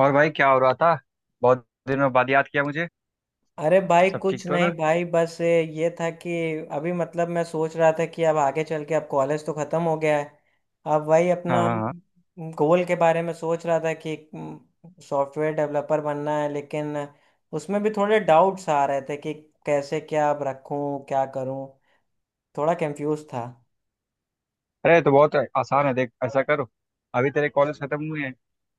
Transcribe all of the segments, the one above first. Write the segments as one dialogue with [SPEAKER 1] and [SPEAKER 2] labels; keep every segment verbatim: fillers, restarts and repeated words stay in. [SPEAKER 1] और भाई, क्या हो रहा था? बहुत दिनों बाद याद किया मुझे।
[SPEAKER 2] अरे भाई
[SPEAKER 1] सब ठीक
[SPEAKER 2] कुछ
[SPEAKER 1] तो
[SPEAKER 2] नहीं
[SPEAKER 1] ना?
[SPEAKER 2] भाई, बस ये था कि अभी मतलब मैं सोच रहा था कि अब आगे चल के अब कॉलेज तो ख़त्म हो गया है। अब वही
[SPEAKER 1] हाँ
[SPEAKER 2] अपना
[SPEAKER 1] हाँ हाँ।
[SPEAKER 2] गोल के बारे में सोच रहा था कि सॉफ्टवेयर डेवलपर बनना है, लेकिन उसमें भी थोड़े डाउट्स आ रहे थे कि कैसे क्या अब रखूं क्या करूं। थोड़ा कंफ्यूज था।
[SPEAKER 1] अरे, ये तो बहुत आसान है। देख, ऐसा करो, अभी तेरे कॉलेज खत्म हुए हैं,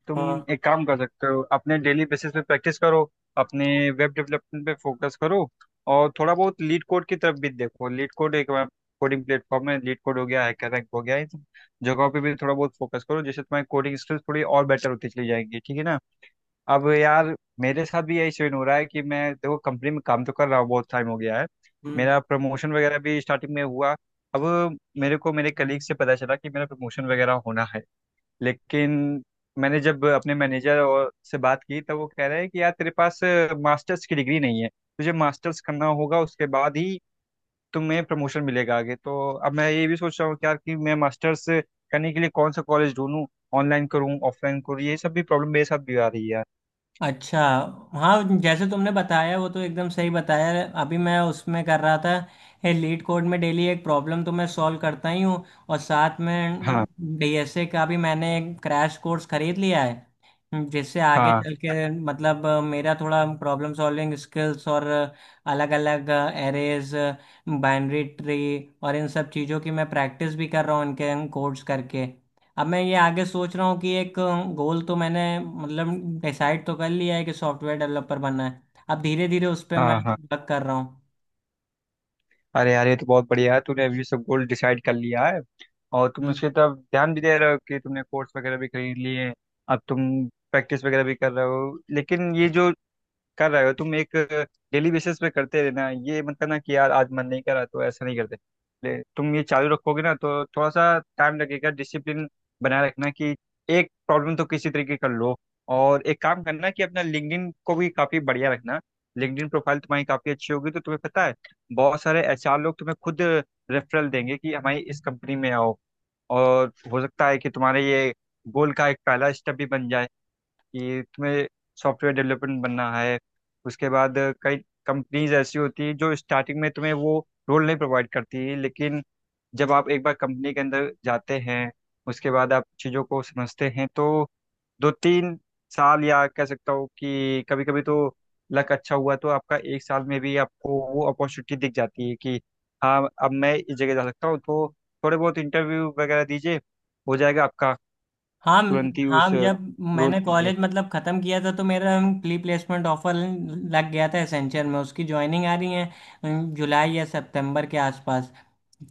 [SPEAKER 1] तुम
[SPEAKER 2] हाँ।
[SPEAKER 1] एक काम कर सकते हो, अपने डेली बेसिस पे प्रैक्टिस करो। अपने वेब डेवलपमेंट पे फोकस करो और थोड़ा बहुत लीड कोड की तरफ भी देखो। लीड कोड एक कोडिंग प्लेटफॉर्म है। लीड कोड हो गया है, रैंक हो गया है, इन सब जगहों पे भी थोड़ा बहुत फोकस करो जिससे तुम्हारी कोडिंग स्किल्स थोड़ी और बेटर होती चली जाएंगी। ठीक है ना? अब यार, मेरे साथ भी यही सीन हो रहा है कि मैं, देखो, कंपनी में काम तो कर रहा हूँ, बहुत टाइम हो गया है।
[SPEAKER 2] हम्म।
[SPEAKER 1] मेरा प्रमोशन वगैरह भी स्टार्टिंग में हुआ। अब मेरे को मेरे कलीग से पता चला कि मेरा प्रमोशन वगैरह होना है, लेकिन मैंने जब अपने मैनेजर और से बात की तब वो कह रहे हैं कि यार, तेरे पास मास्टर्स की डिग्री नहीं है, तुझे मास्टर्स करना होगा, उसके बाद ही तुम्हें प्रमोशन मिलेगा आगे। तो अब मैं ये भी सोच रहा हूँ कि यार, कि मैं मास्टर्स करने के लिए कौन सा कॉलेज ढूंढूं? ऑनलाइन करूँ, ऑफलाइन करूँ, ये सब भी प्रॉब्लम मेरे साथ भी आ रही है।
[SPEAKER 2] अच्छा। हाँ, जैसे तुमने बताया वो तो एकदम सही बताया। अभी मैं उसमें कर रहा था, लीड कोड में डेली एक प्रॉब्लम तो मैं सॉल्व करता ही हूँ और साथ में
[SPEAKER 1] हाँ,
[SPEAKER 2] डीएसए का भी मैंने एक क्रैश कोर्स खरीद लिया है, जिससे आगे
[SPEAKER 1] हाँ,
[SPEAKER 2] चल के मतलब अ, मेरा थोड़ा प्रॉब्लम सॉल्विंग स्किल्स और अलग अलग एरेज, बाइनरी ट्री और इन सब चीज़ों की मैं प्रैक्टिस भी कर रहा हूँ इनके कोर्स करके। अब मैं ये आगे सोच रहा हूँ कि एक गोल तो मैंने मतलब डिसाइड तो कर लिया है कि सॉफ्टवेयर डेवलपर बनना है। अब धीरे धीरे उस पर मैं
[SPEAKER 1] हाँ, हाँ।
[SPEAKER 2] वर्क कर रहा हूँ।
[SPEAKER 1] अरे यार, ये तो बहुत बढ़िया है। तूने अभी सब गोल डिसाइड कर लिया है और तुम
[SPEAKER 2] हम्म।
[SPEAKER 1] उसके तरफ ध्यान भी दे रहे हो कि तुमने कोर्स वगैरह भी खरीद लिए हैं। अब तुम प्रैक्टिस वगैरह भी कर रहे हो, लेकिन ये जो कर रहे हो तुम, एक डेली बेसिस पे करते रहना। ये मत करना कि यार आज मन नहीं करा तो ऐसा नहीं करते। ले- तुम ये चालू रखोगे ना, तो थोड़ा सा टाइम लगेगा। डिसिप्लिन बनाए रखना कि एक प्रॉब्लम तो किसी तरीके कर लो। और एक काम करना कि अपना लिंक्डइन को भी काफ़ी बढ़िया रखना। लिंक्डइन प्रोफाइल तुम्हारी काफ़ी अच्छी होगी तो तुम्हें पता है, बहुत सारे एच आर लोग तुम्हें खुद रेफरल देंगे कि हमारी इस कंपनी में आओ। और हो सकता है कि तुम्हारे ये गोल का एक पहला स्टेप भी बन जाए कि तुम्हें सॉफ्टवेयर डेवलपमेंट बनना है। उसके बाद कई कंपनीज ऐसी होती है जो स्टार्टिंग में तुम्हें वो रोल नहीं प्रोवाइड करती, लेकिन जब आप एक बार कंपनी के अंदर जाते हैं, उसके बाद आप चीज़ों को समझते हैं, तो दो तीन साल, या कह सकता हूँ कि कभी कभी तो लक अच्छा हुआ तो आपका एक साल में भी आपको वो अपॉर्चुनिटी दिख जाती है कि हाँ, अब मैं इस जगह जा सकता हूँ। तो थोड़े बहुत इंटरव्यू वगैरह दीजिए, हो जाएगा आपका
[SPEAKER 2] हाँ
[SPEAKER 1] तुरंत ही
[SPEAKER 2] हाँ।
[SPEAKER 1] उस
[SPEAKER 2] जब
[SPEAKER 1] रोल
[SPEAKER 2] मैंने
[SPEAKER 1] के लिए।
[SPEAKER 2] कॉलेज मतलब ख़त्म किया था तो मेरा प्री प्लेसमेंट ऑफर लग गया था एसेंचर में। उसकी ज्वाइनिंग आ रही है अम, जुलाई या सितंबर के आसपास।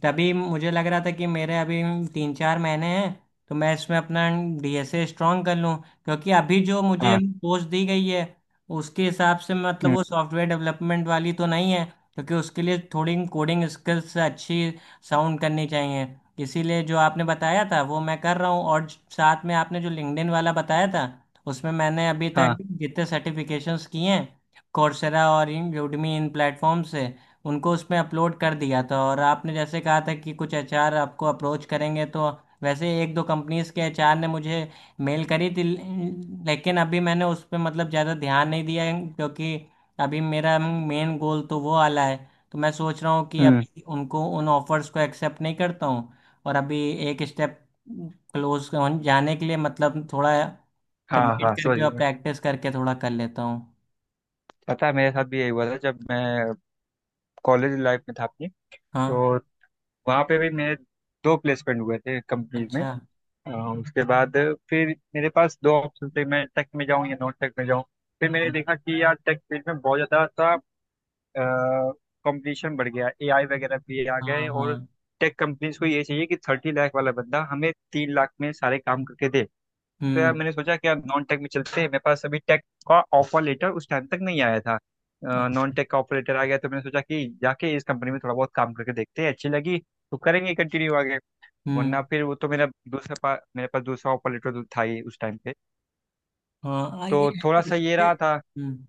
[SPEAKER 2] तभी मुझे लग रहा था कि मेरे अभी तीन चार महीने हैं, तो मैं इसमें अपना डीएसए स्ट्रॉन्ग कर लूँ, क्योंकि अभी जो मुझे
[SPEAKER 1] हाँ।
[SPEAKER 2] पोस्ट दी गई है उसके हिसाब से मतलब
[SPEAKER 1] हम्म।
[SPEAKER 2] वो सॉफ्टवेयर डेवलपमेंट वाली तो नहीं है, क्योंकि उसके लिए थोड़ी कोडिंग स्किल्स अच्छी साउंड करनी चाहिए। इसीलिए जो आपने बताया था वो मैं कर रहा हूँ, और साथ में आपने जो लिंक्डइन वाला बताया था उसमें मैंने अभी तक
[SPEAKER 1] हाँ।
[SPEAKER 2] जितने सर्टिफिकेशंस किए हैं कोर्सेरा और इन यूडमी इन प्लेटफॉर्म से, उनको उसमें अपलोड कर दिया था। और आपने जैसे कहा था कि कुछ एचआर आपको अप्रोच करेंगे, तो वैसे एक दो कंपनीज के एचआर ने मुझे मेल करी थी, लेकिन अभी मैंने उस पर मतलब ज़्यादा ध्यान नहीं दिया है, क्योंकि अभी मेरा मेन गोल तो वो वाला है। तो मैं सोच रहा हूँ कि
[SPEAKER 1] हम्म।
[SPEAKER 2] अभी उनको उन ऑफर्स को एक्सेप्ट नहीं करता हूँ और अभी एक स्टेप क्लोज जाने के लिए मतलब थोड़ा
[SPEAKER 1] हाँ
[SPEAKER 2] वेट
[SPEAKER 1] हाँ, समझ
[SPEAKER 2] करके
[SPEAKER 1] गया
[SPEAKER 2] और
[SPEAKER 1] मैं।
[SPEAKER 2] प्रैक्टिस करके थोड़ा कर लेता हूँ।
[SPEAKER 1] पता है, मेरे साथ भी यही हुआ था जब मैं कॉलेज लाइफ में था अपनी।
[SPEAKER 2] हाँ।
[SPEAKER 1] तो वहाँ पे भी मेरे दो प्लेसमेंट हुए थे कंपनीज में।
[SPEAKER 2] अच्छा।
[SPEAKER 1] अ, उसके बाद फिर मेरे पास दो ऑप्शन थे, मैं टेक में जाऊँ या नॉन टेक में जाऊँ। फिर मैंने देखा कि यार, टेक फील्ड में बहुत ज़्यादा सा कंपटीशन बढ़ गया, ए आई वगैरह भी आ गए,
[SPEAKER 2] हाँ
[SPEAKER 1] और
[SPEAKER 2] हाँ।
[SPEAKER 1] टेक कंपनीज को ये चाहिए कि थर्टी लाख वाला बंदा हमें तीन लाख में सारे काम करके दे। तो यार
[SPEAKER 2] हम्म।
[SPEAKER 1] मैंने सोचा कि यार, नॉन टेक में चलते हैं। मेरे पास अभी टेक का ऑफर लेटर उस टाइम तक नहीं आया था, नॉन टेक का ऑफर लेटर आ गया। तो मैंने सोचा कि जाके इस कंपनी में थोड़ा बहुत काम करके देखते हैं, अच्छी लगी तो करेंगे कंटिन्यू आगे, वरना
[SPEAKER 2] हम्म।
[SPEAKER 1] फिर वो तो मेरा दूसरा पा, मेरे पास दूसरा ऑफर लेटर था ही उस टाइम पे।
[SPEAKER 2] हाँ आ,
[SPEAKER 1] तो
[SPEAKER 2] ये
[SPEAKER 1] थोड़ा सा ये
[SPEAKER 2] इससे।
[SPEAKER 1] रहा था।
[SPEAKER 2] हम्म।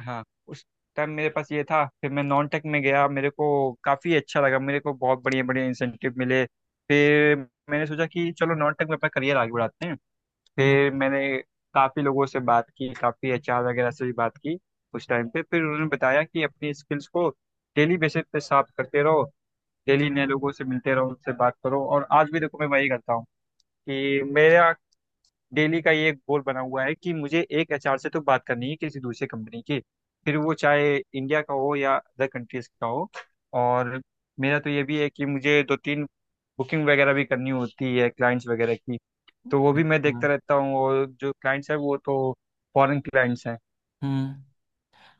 [SPEAKER 1] हाँ, उस टाइम मेरे पास ये था। फिर मैं नॉन टेक में गया, मेरे को काफ़ी अच्छा लगा, मेरे को बहुत बढ़िया बढ़िया इंसेंटिव मिले। फिर मैंने सोचा कि चलो नॉन टेक में अपना करियर आगे बढ़ाते हैं।
[SPEAKER 2] हम्म।
[SPEAKER 1] फिर मैंने काफ़ी लोगों से बात की, काफ़ी एच आर वगैरह से भी बात की उस टाइम पे। फिर उन्होंने बताया कि अपनी स्किल्स को डेली बेसिस पे साफ करते रहो, डेली नए लोगों से मिलते रहो, उनसे बात करो। और आज भी देखो मैं वही करता हूँ कि मेरा डेली का ये एक गोल बना हुआ है कि मुझे एक एच आर से तो बात करनी है किसी दूसरी कंपनी की। फिर वो चाहे इंडिया का हो या अदर कंट्रीज का हो। और मेरा तो ये भी है कि मुझे दो तीन बुकिंग वगैरह भी करनी होती है क्लाइंट्स वगैरह की। तो वो भी मैं
[SPEAKER 2] अच्छा।
[SPEAKER 1] देखता रहता हूँ, और जो क्लाइंट्स है वो तो फॉरेन क्लाइंट्स हैं
[SPEAKER 2] हम्म।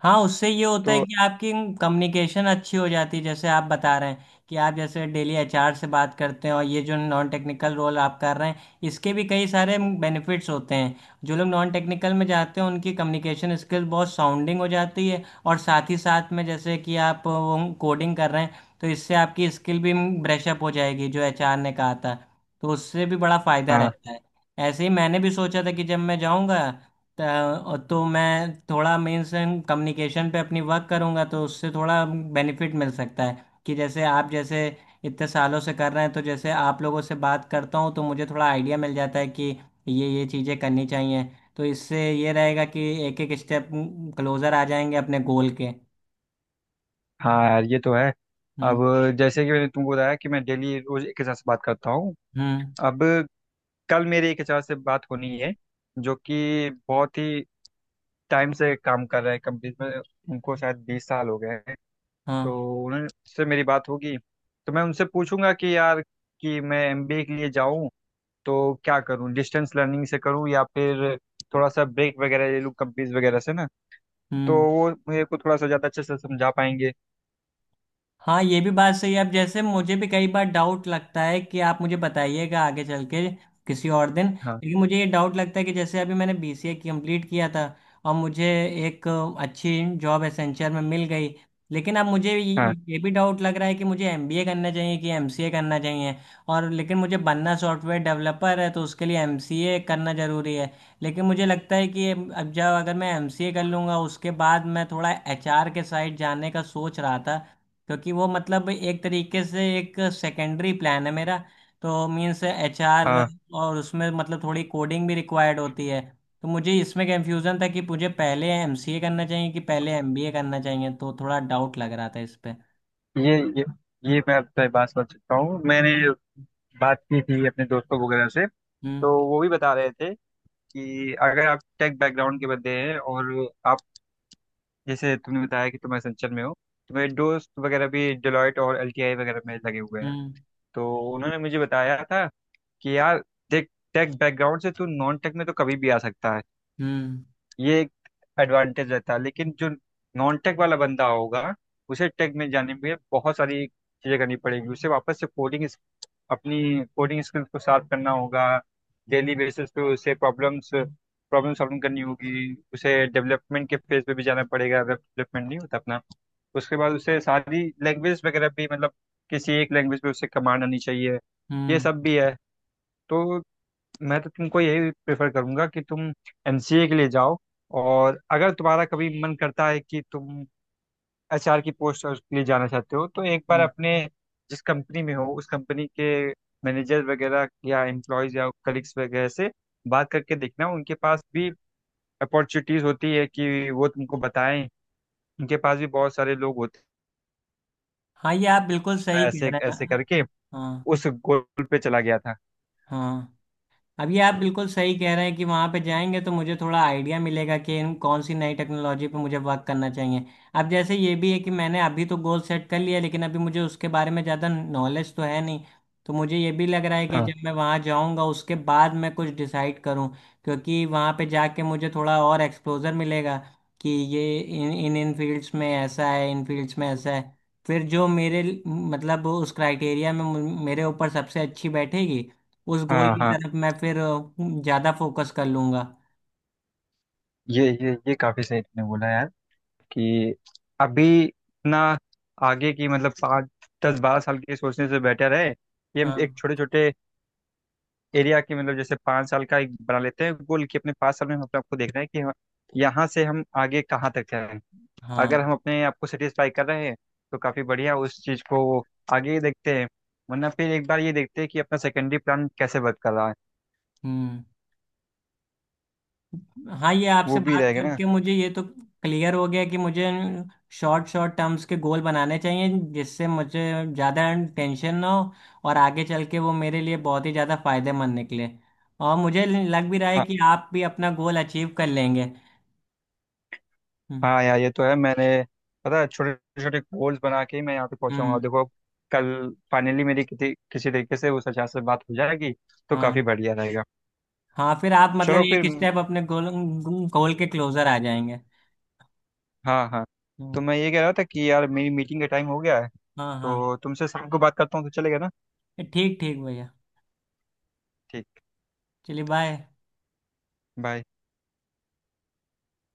[SPEAKER 2] हाँ, उससे ये होता है
[SPEAKER 1] तो।
[SPEAKER 2] कि आपकी कम्युनिकेशन अच्छी हो जाती है, जैसे आप बता रहे हैं कि आप जैसे डेली एचआर से बात करते हैं। और ये जो नॉन टेक्निकल रोल आप कर रहे हैं इसके भी कई सारे बेनिफिट्स होते हैं। जो लोग नॉन टेक्निकल में जाते हैं उनकी कम्युनिकेशन स्किल बहुत साउंडिंग हो जाती है, और साथ ही साथ में जैसे कि आप वो कोडिंग कर रहे हैं तो इससे आपकी स्किल भी ब्रशअप हो जाएगी, जो एचआर ने कहा था। तो उससे भी बड़ा फायदा
[SPEAKER 1] हाँ
[SPEAKER 2] रहता है। ऐसे ही मैंने भी सोचा था कि जब मैं जाऊंगा तो तो मैं थोड़ा मीन्स एंड कम्युनिकेशन पे अपनी वर्क करूंगा, तो उससे थोड़ा बेनिफिट मिल सकता है कि जैसे आप जैसे इतने सालों से कर रहे हैं, तो जैसे आप लोगों से बात करता हूँ तो मुझे थोड़ा आइडिया मिल जाता है कि ये ये चीज़ें करनी चाहिए। तो इससे ये रहेगा कि एक एक स्टेप क्लोजर आ जाएंगे अपने गोल के।
[SPEAKER 1] हाँ, यार ये तो है।
[SPEAKER 2] हम्म।
[SPEAKER 1] अब जैसे कि मैंने तुमको बताया कि मैं डेली रोज एक एच आर से बात करता हूँ।
[SPEAKER 2] हम्म।
[SPEAKER 1] अब कल मेरे एक एच आर से बात होनी है, जो कि बहुत ही टाइम से काम कर रहे हैं कंपनी में। उनको शायद बीस साल हो गए हैं। तो
[SPEAKER 2] हाँ।
[SPEAKER 1] उनसे मेरी बात होगी, तो मैं उनसे पूछूंगा कि यार, कि मैं एम बी ए के लिए जाऊं तो क्या करूं? डिस्टेंस लर्निंग से करूं या फिर थोड़ा सा ब्रेक वगैरह ले लूं कंपनीज वगैरह से ना? तो
[SPEAKER 2] हम्म।
[SPEAKER 1] वो मेरे को थोड़ा सा ज़्यादा अच्छे से समझा पाएंगे।
[SPEAKER 2] हाँ, ये भी बात सही है। अब जैसे मुझे भी कई बार डाउट लगता है कि आप मुझे बताइएगा आगे चल के किसी और दिन।
[SPEAKER 1] हाँ
[SPEAKER 2] लेकिन मुझे ये डाउट लगता है कि जैसे अभी मैंने बीसीए कंप्लीट किया था और मुझे एक अच्छी जॉब एसेंचर में मिल गई, लेकिन अब मुझे ये
[SPEAKER 1] हाँ
[SPEAKER 2] ये भी डाउट लग रहा है कि मुझे एमबीए करना चाहिए कि एमसीए करना चाहिए। और लेकिन मुझे बनना सॉफ्टवेयर डेवलपर है तो उसके लिए एमसीए करना ज़रूरी है। लेकिन मुझे लगता है कि अब जब अगर मैं एमसीए कर लूँगा उसके बाद मैं थोड़ा एचआर के साइड जाने का सोच रहा था, क्योंकि वो मतलब एक तरीके से एक सेकेंडरी प्लान है मेरा, तो मीन्स एचआर।
[SPEAKER 1] हाँ।
[SPEAKER 2] और उसमें मतलब थोड़ी कोडिंग भी रिक्वायर्ड होती है। तो मुझे इसमें कंफ्यूजन था कि मुझे पहले एमसीए करना चाहिए कि पहले एमबीए करना चाहिए, तो थोड़ा डाउट लग रहा था इस पे।
[SPEAKER 1] ये ये ये मैं आपसे बात कर सकता हूँ। मैंने बात की थी अपने दोस्तों वगैरह से, तो
[SPEAKER 2] हम्म।
[SPEAKER 1] वो भी बता रहे थे कि अगर आप टेक बैकग्राउंड के बंदे हैं और आप, जैसे तुमने बताया कि तुम एसेंचर में हो, तो मेरे दोस्त वगैरह भी डेलॉयट और एल टी आई वगैरह में लगे हुए हैं।
[SPEAKER 2] हम्म।
[SPEAKER 1] तो उन्होंने मुझे बताया था कि यार देख, टेक बैकग्राउंड से तू नॉन टेक में तो कभी भी आ सकता है,
[SPEAKER 2] हम्म।
[SPEAKER 1] ये एक एडवांटेज रहता है। लेकिन जो नॉन टेक वाला बंदा होगा, उसे टेक में जाने के लिए बहुत सारी चीजें करनी पड़ेगी, उसे वापस से कोडिंग, अपनी कोडिंग स्किल्स को शार्प करना होगा। डेली बेसिस पे उसे प्रॉब्लम्स प्रॉब्लम सॉल्विंग करनी होगी, उसे डेवलपमेंट के फेज पे भी जाना पड़ेगा, डेवलपमेंट नहीं होता अपना। उसके बाद उसे सारी लैंग्वेज वगैरह भी, मतलब किसी एक लैंग्वेज पे उसे कमांड आनी चाहिए। ये
[SPEAKER 2] हम्म।
[SPEAKER 1] सब भी है। तो मैं तो तुमको यही प्रेफर करूंगा कि तुम एम सी ए के लिए जाओ। और अगर तुम्हारा कभी मन करता है कि तुम एच आर की पोस्ट के लिए जाना चाहते हो, तो एक बार
[SPEAKER 2] हम्म।
[SPEAKER 1] अपने जिस कंपनी में हो उस कंपनी के मैनेजर वगैरह या एम्प्लॉयज या कलीग्स वगैरह से बात करके देखना। उनके पास भी अपॉर्चुनिटीज होती है कि वो तुमको बताएं, उनके पास भी बहुत सारे लोग होते
[SPEAKER 2] हाँ, ये आप बिल्कुल
[SPEAKER 1] हैं
[SPEAKER 2] सही कह
[SPEAKER 1] ऐसे
[SPEAKER 2] रहे
[SPEAKER 1] ऐसे
[SPEAKER 2] हैं।
[SPEAKER 1] करके
[SPEAKER 2] हाँ
[SPEAKER 1] उस गोल पे चला गया था।
[SPEAKER 2] हाँ। अब ये आप बिल्कुल सही कह रहे हैं कि वहाँ पे जाएंगे तो मुझे थोड़ा आइडिया मिलेगा कि इन कौन सी नई टेक्नोलॉजी पे मुझे वर्क करना चाहिए। अब जैसे ये भी है कि मैंने अभी तो गोल सेट कर लिया, लेकिन अभी मुझे उसके बारे में ज़्यादा नॉलेज तो है नहीं। तो मुझे ये भी लग रहा है कि
[SPEAKER 1] हाँ
[SPEAKER 2] जब मैं वहाँ जाऊँगा उसके बाद मैं कुछ डिसाइड करूँ, क्योंकि वहाँ पे जाके मुझे थोड़ा और एक्सपोजर मिलेगा कि ये इन इन इन फील्ड्स में ऐसा है, इन फील्ड्स में ऐसा है। फिर जो मेरे मतलब उस क्राइटेरिया में मु- मेरे ऊपर सबसे अच्छी बैठेगी उस गोल
[SPEAKER 1] हाँ
[SPEAKER 2] की
[SPEAKER 1] हाँ।
[SPEAKER 2] तरफ मैं फिर अ, ज्यादा फोकस कर लूंगा।
[SPEAKER 1] ये ये ये काफी सही तुमने बोला यार, कि अभी इतना आगे की मतलब पाँच दस बारह साल की सोचने से बेटर है कि हम
[SPEAKER 2] हाँ
[SPEAKER 1] एक छोटे छोटे एरिया के, मतलब जैसे पाँच साल का एक बना लेते हैं गोल, कि अपने पाँच साल में हम अपने आपको देखना है कि हम यहाँ से हम आगे कहाँ तक जाएं।
[SPEAKER 2] हाँ।
[SPEAKER 1] अगर हम अपने आप को सेटिस्फाई कर रहे हैं तो काफ़ी बढ़िया, उस चीज़ को आगे ही देखते हैं। वरना फिर एक बार ये देखते हैं कि अपना सेकेंडरी प्लान कैसे वर्क कर रहा है।
[SPEAKER 2] हम्म। हाँ, ये आपसे
[SPEAKER 1] वो भी
[SPEAKER 2] बात
[SPEAKER 1] रहेगा ना।
[SPEAKER 2] करके मुझे ये तो क्लियर हो गया कि मुझे शॉर्ट शॉर्ट टर्म्स के गोल बनाने चाहिए जिससे मुझे ज़्यादा टेंशन ना हो और आगे चल के वो मेरे लिए बहुत ही ज़्यादा फायदेमंद निकले। और मुझे लग भी रहा है कि आप भी अपना गोल अचीव कर लेंगे। हम्म।
[SPEAKER 1] हाँ यार ये तो है। मैंने, पता है, छोटे छोटे गोल्स बना के ही मैं यहाँ पे पहुंचा हूँ। और
[SPEAKER 2] हम्म।
[SPEAKER 1] देखो, कल फाइनली मेरी किसी किसी तरीके से उस आचार्य से बात हो जाएगी, तो
[SPEAKER 2] हाँ
[SPEAKER 1] काफ़ी बढ़िया रहेगा।
[SPEAKER 2] हाँ, फिर आप मतलब
[SPEAKER 1] चलो फिर।
[SPEAKER 2] एक स्टेप अपने गोल गोल के क्लोजर आ जाएंगे।
[SPEAKER 1] हाँ हाँ। तो
[SPEAKER 2] हम्म।
[SPEAKER 1] मैं ये कह रहा था कि यार, मेरी मीटिंग का टाइम हो गया है,
[SPEAKER 2] हाँ हाँ।
[SPEAKER 1] तो तुमसे शाम को बात करता हूँ, तो चलेगा ना?
[SPEAKER 2] ठीक ठीक भैया।
[SPEAKER 1] ठीक,
[SPEAKER 2] चलिए, बाय।
[SPEAKER 1] बाय।